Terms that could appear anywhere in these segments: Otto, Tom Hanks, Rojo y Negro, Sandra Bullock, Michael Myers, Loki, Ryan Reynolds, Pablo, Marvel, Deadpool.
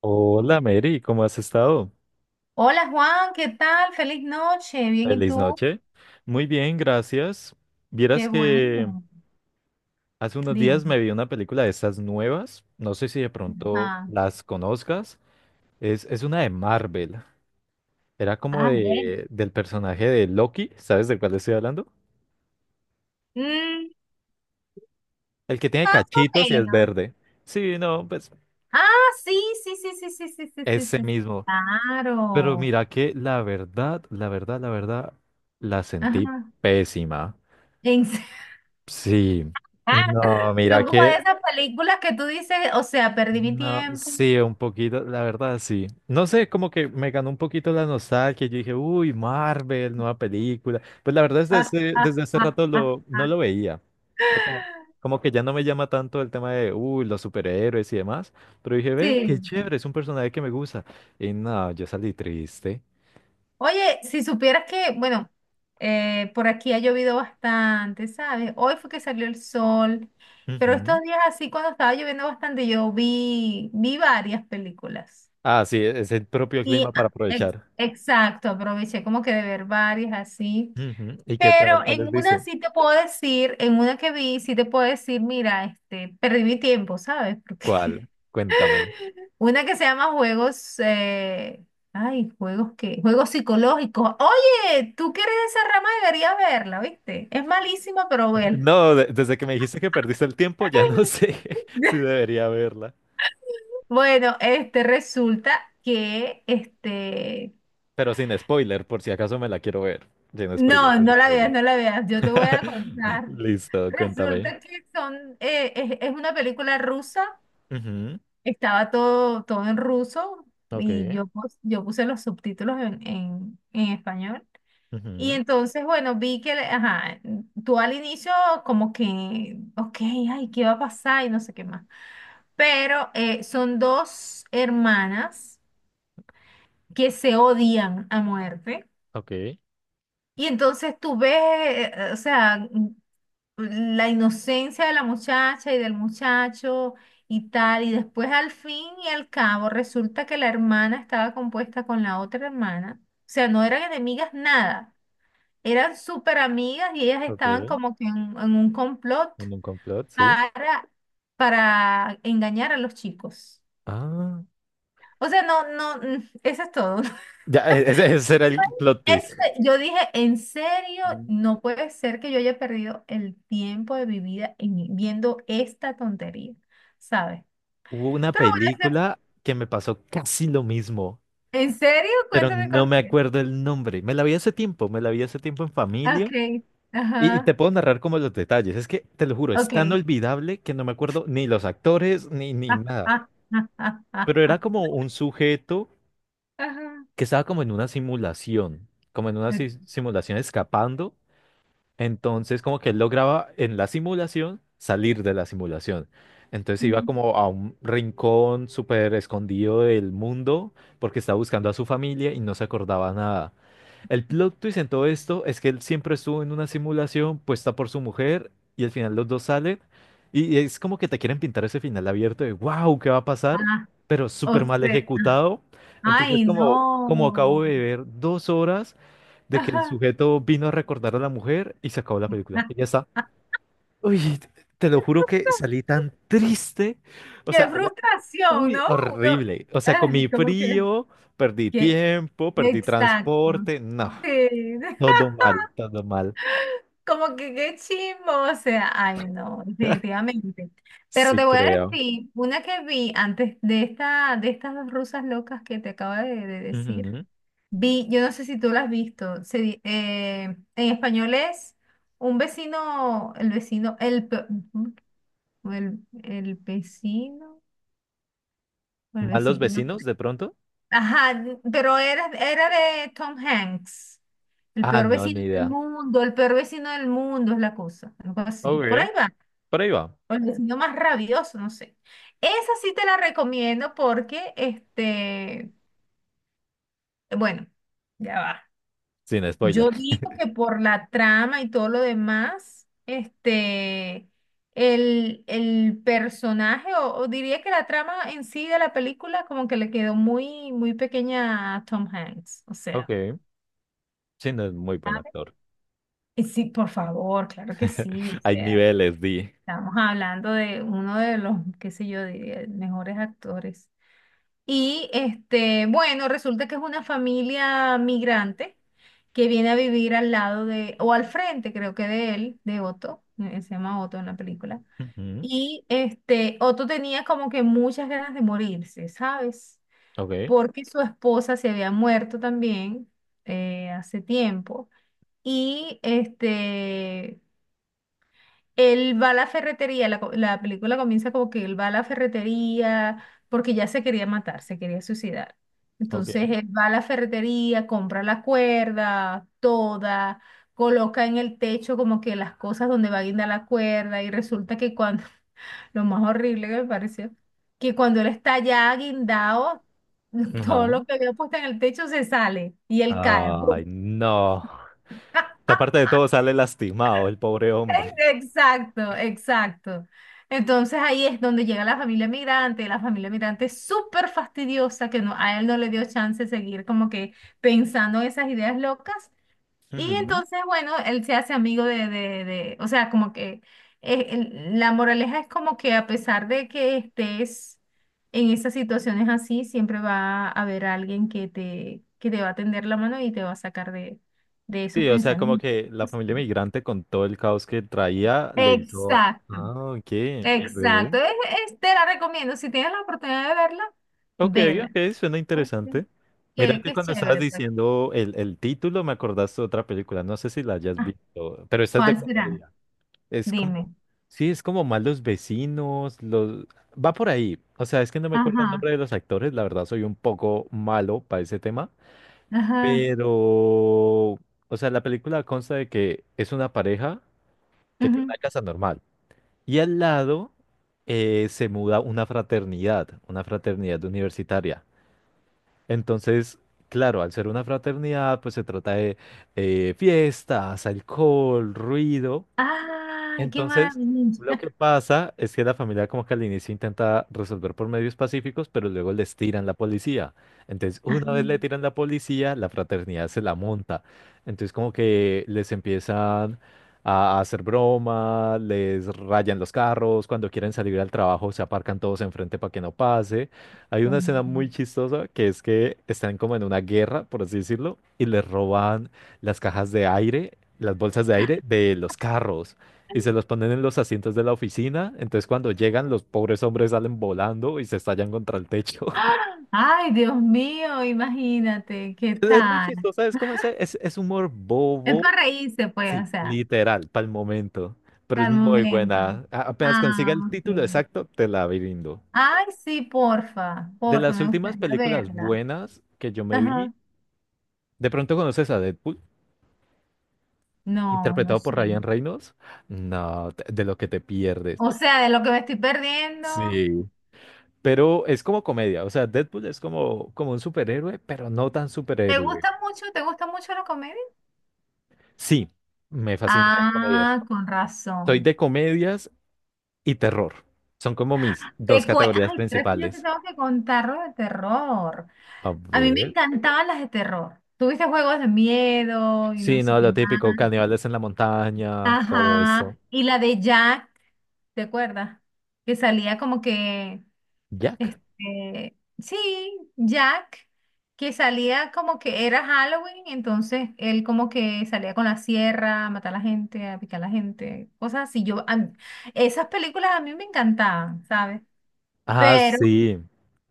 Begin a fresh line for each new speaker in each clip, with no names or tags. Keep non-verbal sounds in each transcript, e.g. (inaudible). Hola Mary, ¿cómo has estado?
Hola Juan, ¿qué tal? Feliz noche. Bien, ¿y
Feliz
tú?
noche. Muy bien, gracias. Vieras
Qué
que
bueno.
hace unos días
Dime.
me vi una película de estas nuevas, no sé si de pronto
Ah,
las conozcas. Es una de Marvel, era como
ah, bien.
del personaje de Loki. ¿Sabes de cuál estoy hablando?
Mm,
El que tiene
más o
cachitos y es
menos.
verde. Sí, no, pues
Ah, sí, sí, sí, sí, sí, sí, sí, sí,
ese
sí, sí.
mismo. Pero
Claro.
mira que la verdad, la verdad, la verdad, la sentí
Ajá.
pésima.
En se- (laughs)
Sí.
Ah,
No, mira
son como de
que
esas películas que tú dices, o sea, perdí mi
No,
tiempo.
sí, un poquito, la verdad, sí. No sé, como que me ganó un poquito la nostalgia. Yo dije, uy, Marvel, nueva película. Pues la verdad es
Ah,
desde,
ah,
desde hace
ah,
rato
ah, ah.
no lo veía. Ya. Como que ya no me llama tanto el tema de, uy, los superhéroes y demás. Pero dije, ve, qué
Sí.
chévere, es un personaje que me gusta. Y no, yo salí triste.
Oye, si supieras que, bueno, por aquí ha llovido bastante, ¿sabes? Hoy fue que salió el sol, pero
Ujú.
estos días así, cuando estaba lloviendo bastante, yo vi varias películas.
Ah, sí, es el propio
Y
clima para aprovechar.
exacto, aproveché como que de ver varias así.
Ujú. ¿Y qué tal?
Pero en
¿Cuáles
una
dice?
sí te puedo decir, en una que vi, sí te puedo decir, mira, este, perdí mi tiempo, ¿sabes? Porque
¿Cuál? Cuéntame.
(laughs) una que se llama juegos, ay, juegos psicológicos. Oye, tú que eres de esa rama deberías verla, ¿viste? Es malísima, pero bueno.
No, desde que me dijiste que perdiste el tiempo, ya no sé (laughs) si
(laughs)
debería verla.
Bueno, resulta que
Pero sin spoiler, por si acaso me la quiero ver. Sin spoiler,
no,
sin
no la veas,
spoiler.
no la veas, yo te voy a
(laughs)
contar.
Listo, cuéntame.
Resulta que es una película rusa,
Ujú.
estaba todo, todo en ruso
Ok.
y yo puse los subtítulos en, en español. Y
Ujú.
entonces, bueno, vi que, ajá, tú al inicio como que, ok, ay, ¿qué va a pasar? Y no sé qué más. Pero son dos hermanas que se odian a muerte.
Ok.
Y entonces tú ves, o sea, la inocencia de la muchacha y del muchacho y tal, y después al fin y al cabo resulta que la hermana estaba compuesta con la otra hermana, o sea, no eran enemigas nada, eran súper amigas y ellas estaban
Ok.
como que en, un complot
En un complot, sí.
para, para engañar a los chicos.
Ah,
O sea, no, no, (laughs) eso es todo. (laughs)
ya, ese era el plot twist.
Ese- yo dije, en serio,
Mm.
no puede ser que yo haya perdido el tiempo de mi vida viendo esta tontería, ¿sabes?
Hubo una
Pero bueno,
película que me pasó casi lo mismo,
en serio,
pero
cuéntame
no
cuál
me
fue.
acuerdo el nombre. Me la vi hace tiempo, me la vi hace tiempo en familia.
Ok,
Y te
ajá,
puedo narrar como los detalles. Es que, te lo juro, es
ok.
tan olvidable que no me acuerdo ni los actores ni
(laughs)
nada.
Ah, ah, ah, ah, ah,
Pero
ah,
era como un sujeto
ajá.
que estaba como en una simulación, como en una si-
Ok.
simulación escapando. Entonces, como que él lograba en la simulación salir de la simulación. Entonces iba como a un rincón súper escondido del mundo porque estaba buscando a su familia y no se acordaba nada. El plot twist en todo esto es que él siempre estuvo en una simulación puesta por su mujer y al final los dos salen, y es como que te quieren pintar ese final abierto de wow, ¿qué va a pasar?
Ah,
Pero
o
súper mal
sea,
ejecutado. Entonces
ay,
como
no.
acabo de ver 2 horas de que el
Ajá.
sujeto vino a recordar a la mujer y se acabó la
(laughs)
película.
Ah,
Y ya está.
ah.
Uy, te lo juro que salí tan triste. O sea,
Qué frustración,
uy,
¿no? Uno,
horrible. O sea, comí
como que,
frío, perdí
que
tiempo, perdí
exacto.
transporte. No,
Sí, (laughs)
todo mal, todo mal.
como que qué chimbo, o sea, ay no,
(laughs)
definitivamente. Pero
Sí,
te voy a
creo.
decir, una que vi antes de esta, de estas dos rusas locas que te acabo de decir,
Ujú.
yo no sé si tú la has visto, en español es un vecino, el vecino, ujú, o el vecino, o el
¿Malos
vecino, no.
vecinos de pronto?
Ajá, pero era de Tom Hanks. El
Ah,
peor
no,
vecino
ni
del
idea.
mundo, el peor vecino del mundo es la cosa. Algo así.
Ok,
Por ahí va.
por ahí va.
O el vecino más rabioso, no sé. Esa sí te la recomiendo porque, bueno, ya va.
Sin spoiler.
Yo digo que por la trama y todo lo demás, el personaje, o diría que la trama en sí de la película, como que le quedó muy, muy pequeña a Tom Hanks. O
Ok,
sea.
sí, no es muy buen actor.
Y sí, por favor, claro que sí.
(laughs)
O
Hay
sea,
niveles, di.
estamos hablando de uno de los, qué sé yo, de mejores actores. Y bueno, resulta que es una familia migrante que viene a vivir al lado de, o al frente, creo que de él, de Otto, se llama Otto en la película.
Ujú.
Y Otto tenía como que muchas ganas de morirse, ¿sabes?
Ok,
Porque su esposa se había muerto también, hace tiempo. Y él va a la ferretería, la película comienza como que él va a la ferretería porque ya se quería matar, se quería suicidar. Entonces
ok.
él va a la ferretería, compra la cuerda, toda, coloca en el techo como que las cosas donde va a guindar la cuerda y resulta que cuando, (laughs) lo más horrible que me pareció, que cuando él está ya guindado, (laughs) todo
Ajá.
lo que había puesto en el techo se sale y él cae.
Ay, no. Aparte
(laughs)
de todo, sale lastimado el pobre hombre.
Exacto, exacto. Entonces ahí es donde llega la familia migrante es súper fastidiosa, que no, a él no le dio chance de seguir como que pensando esas ideas locas. Y
Ujú.
entonces, bueno, él se hace amigo o sea, como que la moraleja es como que a pesar de que estés en esas situaciones así, siempre va a haber alguien que te va a tender la mano y te va a sacar de esos
Sí, o sea, como
pensamientos.
que la familia
Sí.
migrante con todo el caos que traía le hizo.
Exacto.
Ah, ok, ve.
Exacto, te la recomiendo. Si tienes la oportunidad de verla,
Ok,
vela.
ok, suena
Pues,
interesante. Mira
Qué,
que
qué
cuando estabas
chévere, pues.
diciendo el título, me acordaste de otra película. No sé si la hayas
Ah,
visto, pero esta es de
¿cuál será?
comedia. Es
Dime.
como. Sí, es como malos vecinos. Los... Va por ahí. O sea, es que no me acuerdo el
Ajá,
nombre de los actores. La verdad, soy un poco malo para ese tema.
ajá,
Pero, o sea, la película consta de que es una pareja que tiene
ujú.
una casa normal, y al lado se muda una fraternidad universitaria. Entonces, claro, al ser una fraternidad, pues se trata de fiestas, alcohol, ruido.
Ay, qué
Entonces, lo
maravilla.
que pasa es que la familia como que al inicio intenta resolver por medios pacíficos, pero luego les tiran la policía. Entonces,
Ay,
una vez le tiran la policía, la fraternidad se la monta. Entonces, como que les empiezan a hacer broma, les rayan los carros, cuando quieren salir al trabajo se aparcan todos enfrente para que no pase. Hay
Dios
una escena muy
mío.
chistosa que es que están como en una guerra, por así decirlo, y les roban las cajas de aire, las bolsas de aire de los carros, y se los ponen en los asientos de la oficina. Entonces cuando llegan, los pobres hombres salen volando y se estallan contra el techo. (laughs)
Ay, Dios mío, imagínate, ¿qué
Es muy
tal?
chistoso, es como ese, es humor
Es
bobo,
para reírse, pues, o
sí,
sea,
literal, para el momento. Pero es
al
muy
momento.
buena. Apenas
Ah,
consiga el
ok.
título exacto, te la brindo.
Ay, sí, porfa,
De
porfa,
las
me
últimas
gustaría
películas
verla.
buenas que yo me vi,
Ajá.
¿de pronto conoces a Deadpool?
No, no
Interpretado
sé.
por Ryan Reynolds. No, de lo que te pierdes.
O sea, de lo que me estoy perdiendo.
Sí. Pero es como comedia, o sea, Deadpool es como un superhéroe, pero no tan
¿Te
superhéroe.
gusta mucho? ¿Te gusta mucho la comedia?
Sí, me fascinan las comedias.
Ah, con
Soy
razón.
de comedias y terror. Son como mis dos categorías
Ay, creo que yo te
principales.
tengo que contar lo de terror.
A
A mí me
ver.
encantaban las de terror. Tuviste juegos de miedo y no
Sí,
sé
no,
qué
lo
más.
típico, caníbales en la montaña, todo eso.
Ajá. Y la de Jack, ¿te acuerdas? Que salía como que
Jack.
Sí, Jack, que salía como que era Halloween, entonces él como que salía con la sierra a matar a la gente, a picar a la gente, cosas así. Esas películas a mí me encantaban, ¿sabes?
Ah,
Pero,
sí.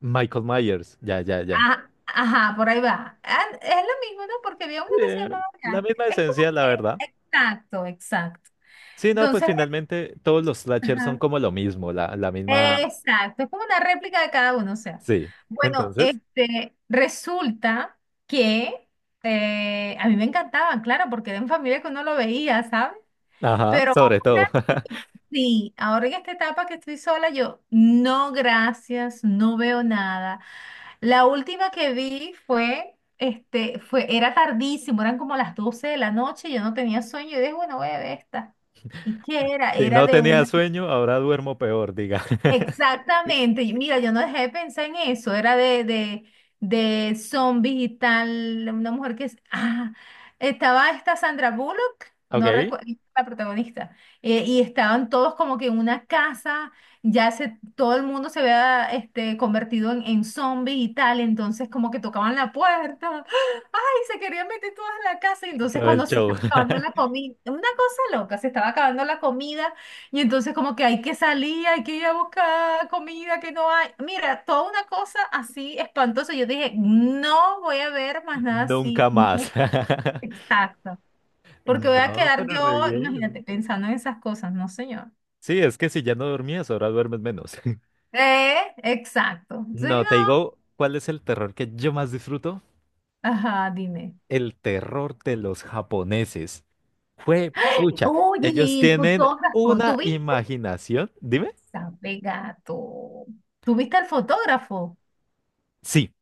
Michael Myers. Ya, ya, ya.
ajá, por ahí va. Ah, es lo mismo, ¿no? Porque había uno que se
Eh,
llamaba
la
Jack.
misma
Es
esencia,
como
la verdad.
que, exacto, exacto.
Sí, no, pues
Entonces,
finalmente todos los slashers son como lo mismo, la misma.
exacto, es como una réplica de cada uno, o sea.
Sí.
Bueno,
Entonces.
resulta que a mí me encantaban, claro, porque era en familia que uno lo veía, ¿sabes?
Ajá,
Pero
sobre
ahora
todo. (laughs)
sí, ahora en esta etapa que estoy sola, yo no, gracias, no veo nada. La última que vi fue, era tardísimo, eran como las 12 de la noche, yo no tenía sueño, y dije, bueno, voy a ver esta. ¿Y qué era?
Si
Era
no
de
tenía
una.
sueño, ahora duermo peor, diga. (laughs)
Exactamente. Y mira, yo no dejé de pensar en eso. Era de zombies y tal. Una mujer que estaba esta Sandra Bullock, no
Ok.
recuerdo, la protagonista. Y estaban todos como que en una casa. Todo el mundo se había convertido en, zombie y tal. Entonces como que tocaban la puerta. (gasps) Ay, se querían meter todas en la casa. Y entonces
Todo el
cuando se
show.
estaba
(laughs)
acabando la comida. Una cosa loca, se estaba acabando la comida. Y entonces como que hay que salir, hay que ir a buscar comida que no hay. Mira, toda una cosa así espantosa. Yo dije, no voy a ver más nada así.
Nunca
No,
más. (laughs)
exacto. Porque voy a
No,
quedar
pero re
yo,
bien.
imagínate, pensando en esas cosas, no señor.
Sí, es que si ya no dormías, ahora duermes menos. (laughs)
Eh, exacto. Entonces,
No, te
no.
digo, ¿cuál es el terror que yo más disfruto?
Ajá, dime.
El terror de los japoneses. Fue pucha.
Oye,
Ellos
y el
tienen
fotógrafo,
una
¿tú viste?
imaginación. Dime.
Sabe gato. ¿Tú viste al fotógrafo?
Sí,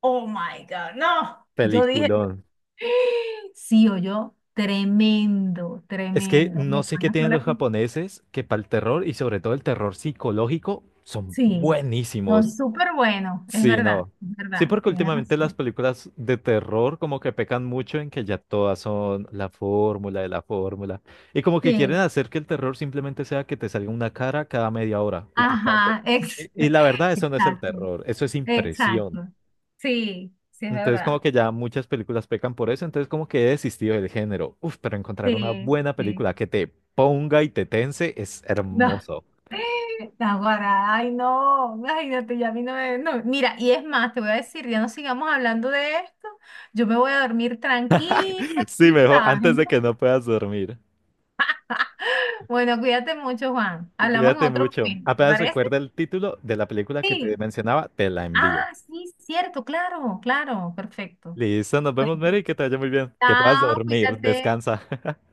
Oh my God, no. Yo dije,
peliculón.
(gasps) sí o yo, tremendo,
Es que
tremendo.
no
Mis
sé qué
hermanas fue
tienen
la
los japoneses que para el terror, y sobre todo el terror psicológico, son
sí, son es
buenísimos.
súper bueno,
Sí, no.
es
Sí,
verdad,
porque
tienes
últimamente las
razón.
películas de terror como que pecan mucho en que ya todas son la fórmula de la fórmula. Y como que quieren
Sí,
hacer que el terror simplemente sea que te salga una cara cada media hora y te espante.
ajá,
Y la verdad,
(laughs)
eso no es el
exacto,
terror, eso es impresión.
exacto. Sí, sí, es
Entonces como
verdad.
que ya muchas películas pecan por eso, entonces como que he desistido del género. Uf, pero encontrar una
Sí,
buena
sí.
película que te ponga y te tense es
No,
hermoso. (laughs)
(laughs) Naguará, ay no, imagínate, ya a mí no me, no, mira, y es más, te voy a decir, ya no sigamos hablando de esto, yo me voy a dormir tranquila,
Sí,
tú
mejor
sabes,
antes de
¿no?
que no puedas dormir.
Bueno, cuídate mucho, Juan,
Y
hablamos en
cuídate
otro
mucho.
momento, ¿te
Apenas
parece?
recuerda el título de la película que te
Sí,
mencionaba, te la envío.
sí, cierto, claro, claro, perfecto.
Listo, nos vemos,
Bueno,
Mary, que te vaya muy bien. Que puedas
chao,
dormir,
cuídate,
descansa.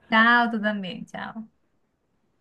chao, tú también, chao.